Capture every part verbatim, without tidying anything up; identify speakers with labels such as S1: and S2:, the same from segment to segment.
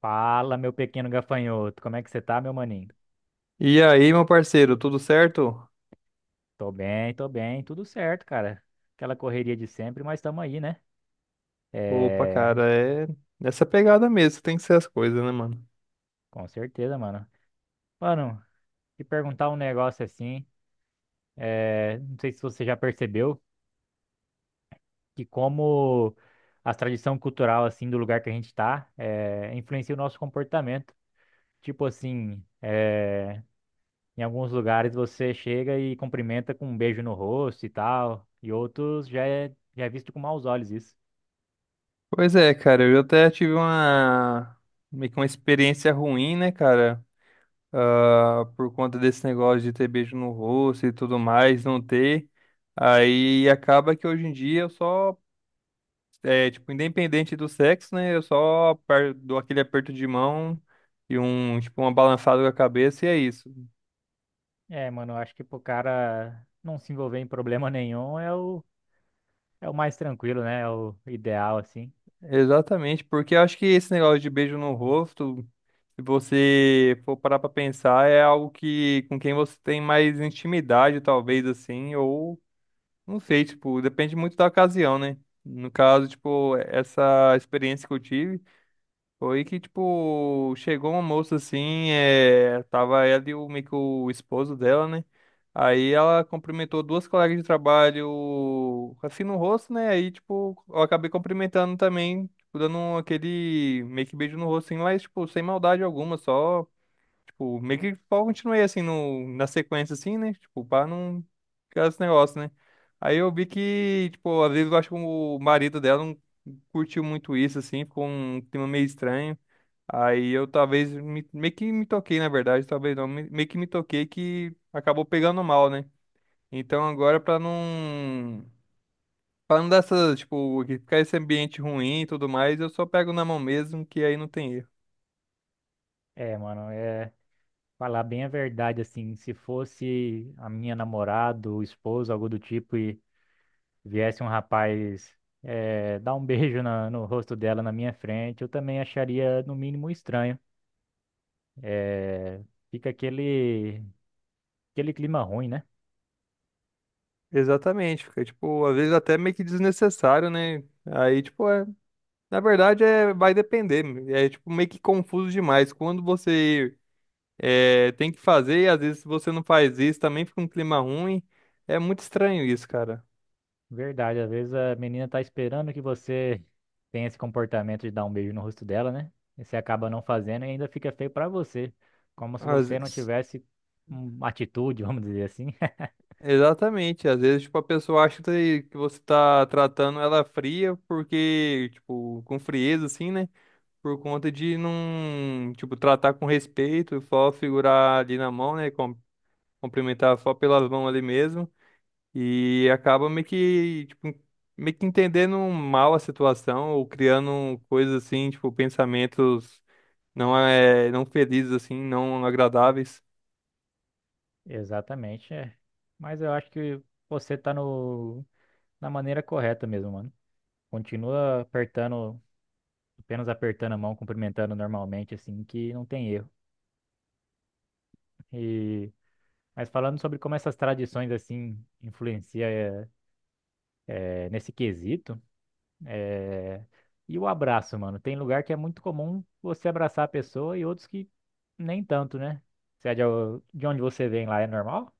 S1: Fala, meu pequeno gafanhoto. Como é que você tá, meu maninho?
S2: E aí, meu parceiro, tudo certo?
S1: Tô bem, tô bem, tudo certo, cara. Aquela correria de sempre, mas tamo aí, né?
S2: Opa,
S1: É,
S2: cara, é nessa pegada mesmo, que tem que ser as coisas, né, mano?
S1: com certeza, mano. Mano, te perguntar um negócio assim, é, não sei se você já percebeu que como a tradição cultural, assim, do lugar que a gente tá, é, influencia o nosso comportamento. Tipo assim, é, em alguns lugares você chega e cumprimenta com um beijo no rosto e tal, e outros já é, já é visto com maus olhos isso.
S2: Pois é, cara, eu até tive uma meio que uma experiência ruim, né, cara? Ah, por conta desse negócio de ter beijo no rosto e tudo mais, não ter. Aí acaba que hoje em dia eu só, é, tipo, independente do sexo, né? Eu só aper- dou aquele aperto de mão e um, tipo, uma balançada com a cabeça e é isso.
S1: É, mano, eu acho que pro cara não se envolver em problema nenhum é o, é o mais tranquilo, né? É o ideal, assim.
S2: Exatamente, porque eu acho que esse negócio de beijo no rosto, se você for parar pra pensar, é algo que com quem você tem mais intimidade, talvez assim, ou não sei, tipo, depende muito da ocasião, né? No caso, tipo, essa experiência que eu tive. Foi que, tipo, chegou uma moça assim, é, tava ela e o, meio que o esposo dela, né? Aí ela cumprimentou duas colegas de trabalho assim no rosto, né? Aí, tipo, eu acabei cumprimentando também, tipo, dando um, aquele meio que beijo no rosto, assim, mas, tipo, sem maldade alguma, só, tipo, meio que só continuei assim no, na sequência, assim, né? Tipo, pra não ficar esse negócio, né? Aí eu vi que, tipo, às vezes eu acho que o marido dela não curtiu muito isso, assim, ficou um clima meio estranho. Aí eu talvez me- meio que me toquei, na verdade, talvez não, me- meio que me toquei que acabou pegando mal, né? Então agora pra não para não dar essa, tipo, que ficar esse ambiente ruim e tudo mais, eu só pego na mão mesmo, que aí não tem erro.
S1: É, mano, é falar bem a verdade, assim. Se fosse a minha namorada, ou esposa, algo do tipo, e viesse um rapaz é, dar um beijo na- no rosto dela na minha frente, eu também acharia, no mínimo, estranho. É, fica aquele, aquele clima ruim, né?
S2: Exatamente, fica tipo, às vezes até meio que desnecessário, né? Aí tipo, é, na verdade é vai depender, é tipo meio que confuso demais. Quando você é, tem que fazer e às vezes se você não faz isso, também fica um clima ruim. É muito estranho isso, cara.
S1: Verdade, às vezes a menina tá esperando que você tenha esse comportamento de dar um beijo no rosto dela, né? E você acaba não fazendo e ainda fica feio pra você, como se
S2: Às
S1: você não
S2: vezes.
S1: tivesse uma atitude, vamos dizer assim.
S2: Exatamente. Às vezes, tipo, a pessoa acha que que você tá tratando ela fria porque, tipo, com frieza, assim, né? Por conta de não, tipo, tratar com respeito, só figurar ali na mão, né? com- Cumprimentar só pelas mãos ali mesmo. E acaba meio que, tipo, meio que entendendo mal a situação ou criando coisas assim, tipo, pensamentos não é, não felizes, assim, não agradáveis.
S1: Exatamente, é. Mas eu acho que você tá no na maneira correta mesmo, mano. Continua apertando, apenas apertando a mão, cumprimentando normalmente assim, que não tem erro. E mas falando sobre como essas tradições assim influenciam é, é, nesse quesito. É, E o abraço, mano? Tem lugar que é muito comum você abraçar a pessoa e outros que nem tanto, né? Se é de de onde você vem lá é normal?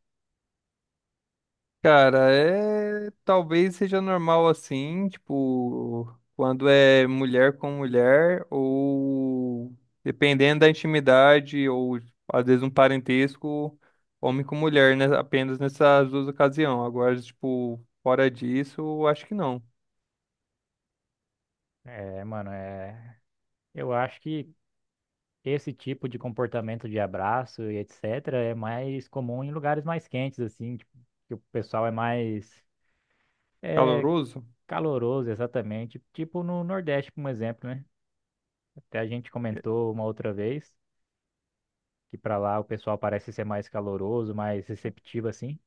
S2: Cara, é talvez seja normal assim, tipo, quando é mulher com mulher, ou dependendo da intimidade, ou às vezes um parentesco, homem com mulher, né? Apenas nessas duas ocasiões. Agora, tipo, fora disso, acho que não.
S1: É, mano, é. Eu acho que esse tipo de comportamento de abraço e etecetera é mais comum em lugares mais quentes, assim, tipo, que o pessoal é mais
S2: Caloroso?
S1: caloroso, exatamente. Tipo no Nordeste, por um exemplo, né? Até a gente
S2: É,
S1: comentou uma outra vez que pra lá o pessoal parece ser mais caloroso, mais receptivo, assim.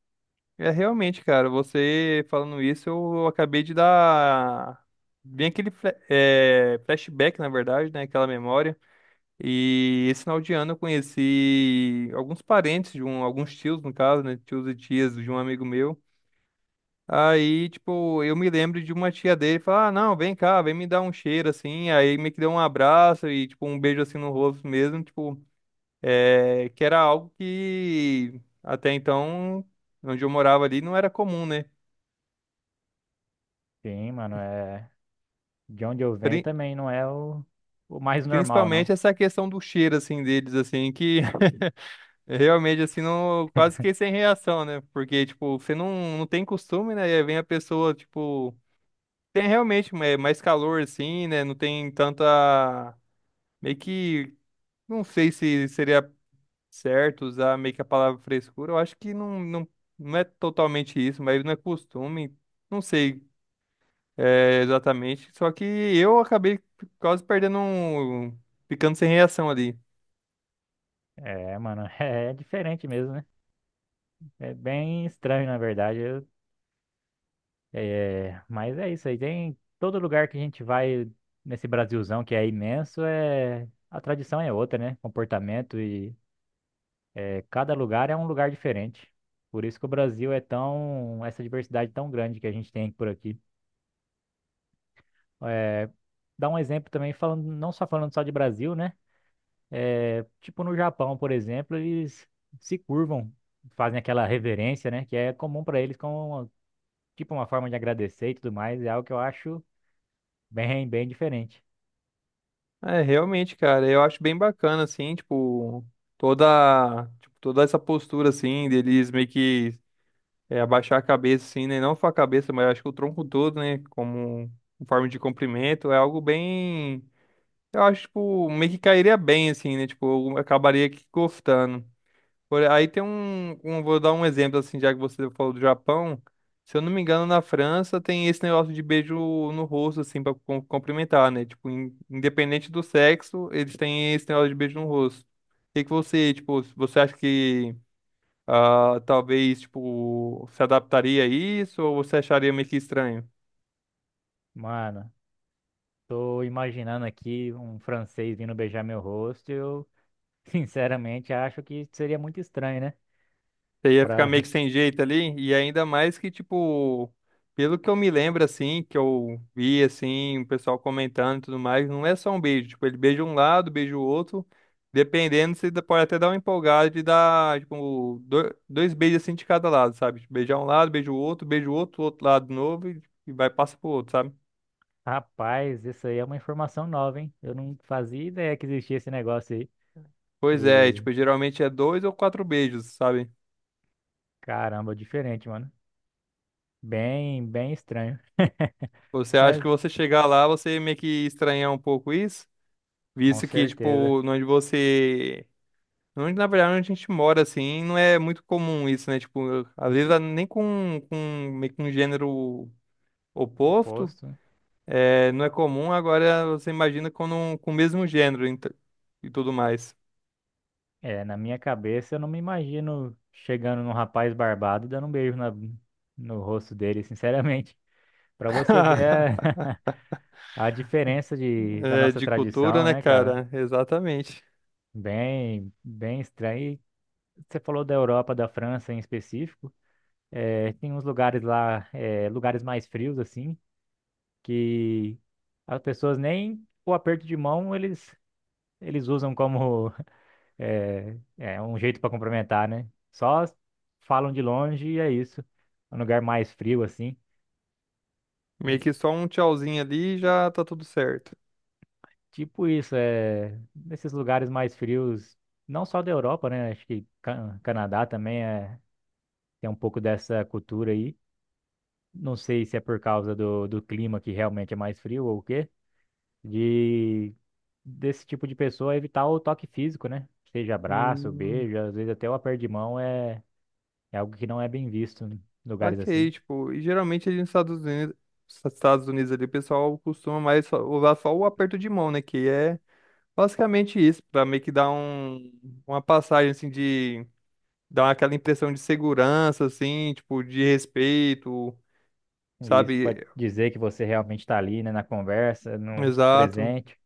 S2: é realmente, cara, você falando isso, eu acabei de dar bem aquele fle- é, flashback, na verdade, né? Aquela memória. E esse final de ano eu conheci alguns parentes de um, alguns tios, no caso, né? Tios e tias de um amigo meu. Aí, tipo, eu me lembro de uma tia dele falar, ah, não, vem cá, vem me dar um cheiro, assim. Aí meio que deu um abraço e, tipo, um beijo, assim, no rosto mesmo, tipo, é, que era algo que até então, onde eu morava ali, não era comum, né?
S1: Sim, mano, é. De onde eu venho
S2: Pri-
S1: também não é o, o mais normal,
S2: Principalmente
S1: não.
S2: essa questão do cheiro, assim, deles, assim, que realmente, assim, não, quase que sem reação, né? Porque, tipo, você não, não tem costume, né? E aí vem a pessoa, tipo, tem realmente é, mais calor, assim, né? Não tem tanta. Meio que. Não sei se seria certo usar meio que a palavra frescura. Eu acho que não, não, não é totalmente isso, mas não é costume. Não sei é, exatamente. Só que eu acabei quase perdendo um. Ficando sem reação ali.
S1: É, mano, é diferente mesmo, né? É bem estranho, na verdade. Eu- é, mas é isso aí. Tem todo lugar que a gente vai nesse Brasilzão que é imenso, é, a tradição é outra, né? Comportamento e é, cada lugar é um lugar diferente. Por isso que o Brasil é tão, essa diversidade tão grande que a gente tem por aqui. É, dá um exemplo também, falando, não só falando só de Brasil, né? Tipo no Japão, por exemplo, eles se curvam, fazem aquela reverência, né? Que é comum para eles como tipo uma forma de agradecer e tudo mais. É algo que eu acho bem, bem diferente.
S2: É, realmente, cara, eu acho bem bacana, assim, tipo, toda, tipo, toda essa postura, assim, deles meio que é, abaixar a cabeça, assim, né? Não só a cabeça, mas eu acho que o tronco todo, né? Como em forma de cumprimento, é algo bem, eu acho, tipo, meio que cairia bem, assim, né? Tipo, eu acabaria que gostando. Por- Aí tem um, um- Vou dar um exemplo, assim, já que você falou do Japão. Se eu não me engano, na França tem esse negócio de beijo no rosto, assim, pra cum- cumprimentar, né? Tipo, in- independente do sexo, eles têm esse negócio de beijo no rosto. O que que você, tipo, você acha que ah, talvez, tipo, se adaptaria a isso ou você acharia meio que estranho?
S1: Mano, tô imaginando aqui um francês vindo beijar meu rosto. e Eu sinceramente acho que seria muito estranho, né?
S2: Você ia ficar
S1: Pra...
S2: meio que sem jeito ali, e ainda mais que, tipo, pelo que eu me lembro, assim, que eu vi, assim, o pessoal comentando e tudo mais, não é só um beijo, tipo, ele beija um lado, beija o outro, dependendo, você dá- pode até dar uma empolgada de dar, tipo, do- dois beijos, assim, de cada lado, sabe? Tipo, beijar um lado, beija o outro, beija o outro, outro lado de novo, e, e vai, passa pro outro, sabe?
S1: Rapaz, isso aí é uma informação nova, hein? Eu não fazia ideia que existia esse negócio aí.
S2: Pois é, e,
S1: E
S2: tipo, geralmente é dois ou quatro beijos, sabe?
S1: caramba, diferente, mano. Bem, bem estranho.
S2: Você acha
S1: Mas
S2: que você chegar lá, você meio que estranhar um pouco isso?
S1: com
S2: Visto que,
S1: certeza.
S2: tipo, onde você onde, na verdade, onde a gente mora, assim, não é muito comum isso, né? Tipo, eu- às vezes a- nem com, com, meio que um gênero oposto,
S1: Oposto, né?
S2: é, não é comum, agora você imagina com, um- com o mesmo gênero ent- e tudo mais.
S1: É, na minha cabeça eu não me imagino chegando num rapaz barbado e dando um beijo na, no rosto dele, sinceramente. Pra você ver a, a diferença de, da
S2: É,
S1: nossa
S2: de cultura,
S1: tradição,
S2: né,
S1: né, cara?
S2: cara? Exatamente.
S1: Bem, bem estranho. E Você falou da Europa, da França em específico. É, tem uns lugares lá, é, lugares mais frios, assim, que as pessoas nem o aperto de mão eles, eles usam como É, é um jeito pra complementar, né? Só falam de longe e é isso. É Um lugar mais frio assim. É
S2: Meio que só um tchauzinho ali e já tá tudo certo.
S1: tipo isso, é nesses lugares mais frios, não só da Europa, né? Acho que Ca- Canadá também é, tem um pouco dessa cultura aí. Não sei se é por causa do, do clima que realmente é mais frio ou o quê, de desse tipo de pessoa evitar o toque físico, né? Seja abraço,
S2: Hum,
S1: beijo, às vezes até o aperto de mão é, é algo que não é bem visto em lugares
S2: ok,
S1: assim.
S2: tipo, e geralmente ali nos Estados Unidos, Estados Unidos ali, o pessoal costuma mais só- usar só o aperto de mão, né? Que é basicamente isso, pra meio que dar um, uma passagem assim de dar aquela impressão de segurança assim, tipo de respeito,
S1: E isso
S2: sabe?
S1: pode dizer que você realmente está ali, né, na conversa, no
S2: Exato.
S1: presente.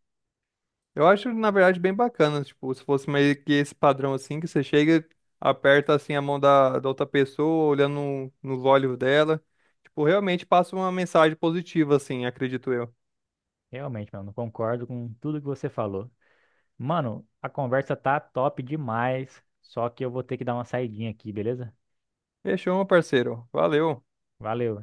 S2: Eu acho na verdade bem bacana, tipo, se fosse meio que esse padrão assim que você chega, aperta assim a mão da, da outra pessoa, olhando no- nos olhos dela, tipo, realmente passa uma mensagem positiva assim, acredito eu.
S1: Realmente, mano, concordo com tudo que você falou. Mano, a conversa tá top demais, só que eu vou ter que dar uma saidinha aqui, beleza?
S2: Fechou, meu parceiro. Valeu.
S1: Valeu.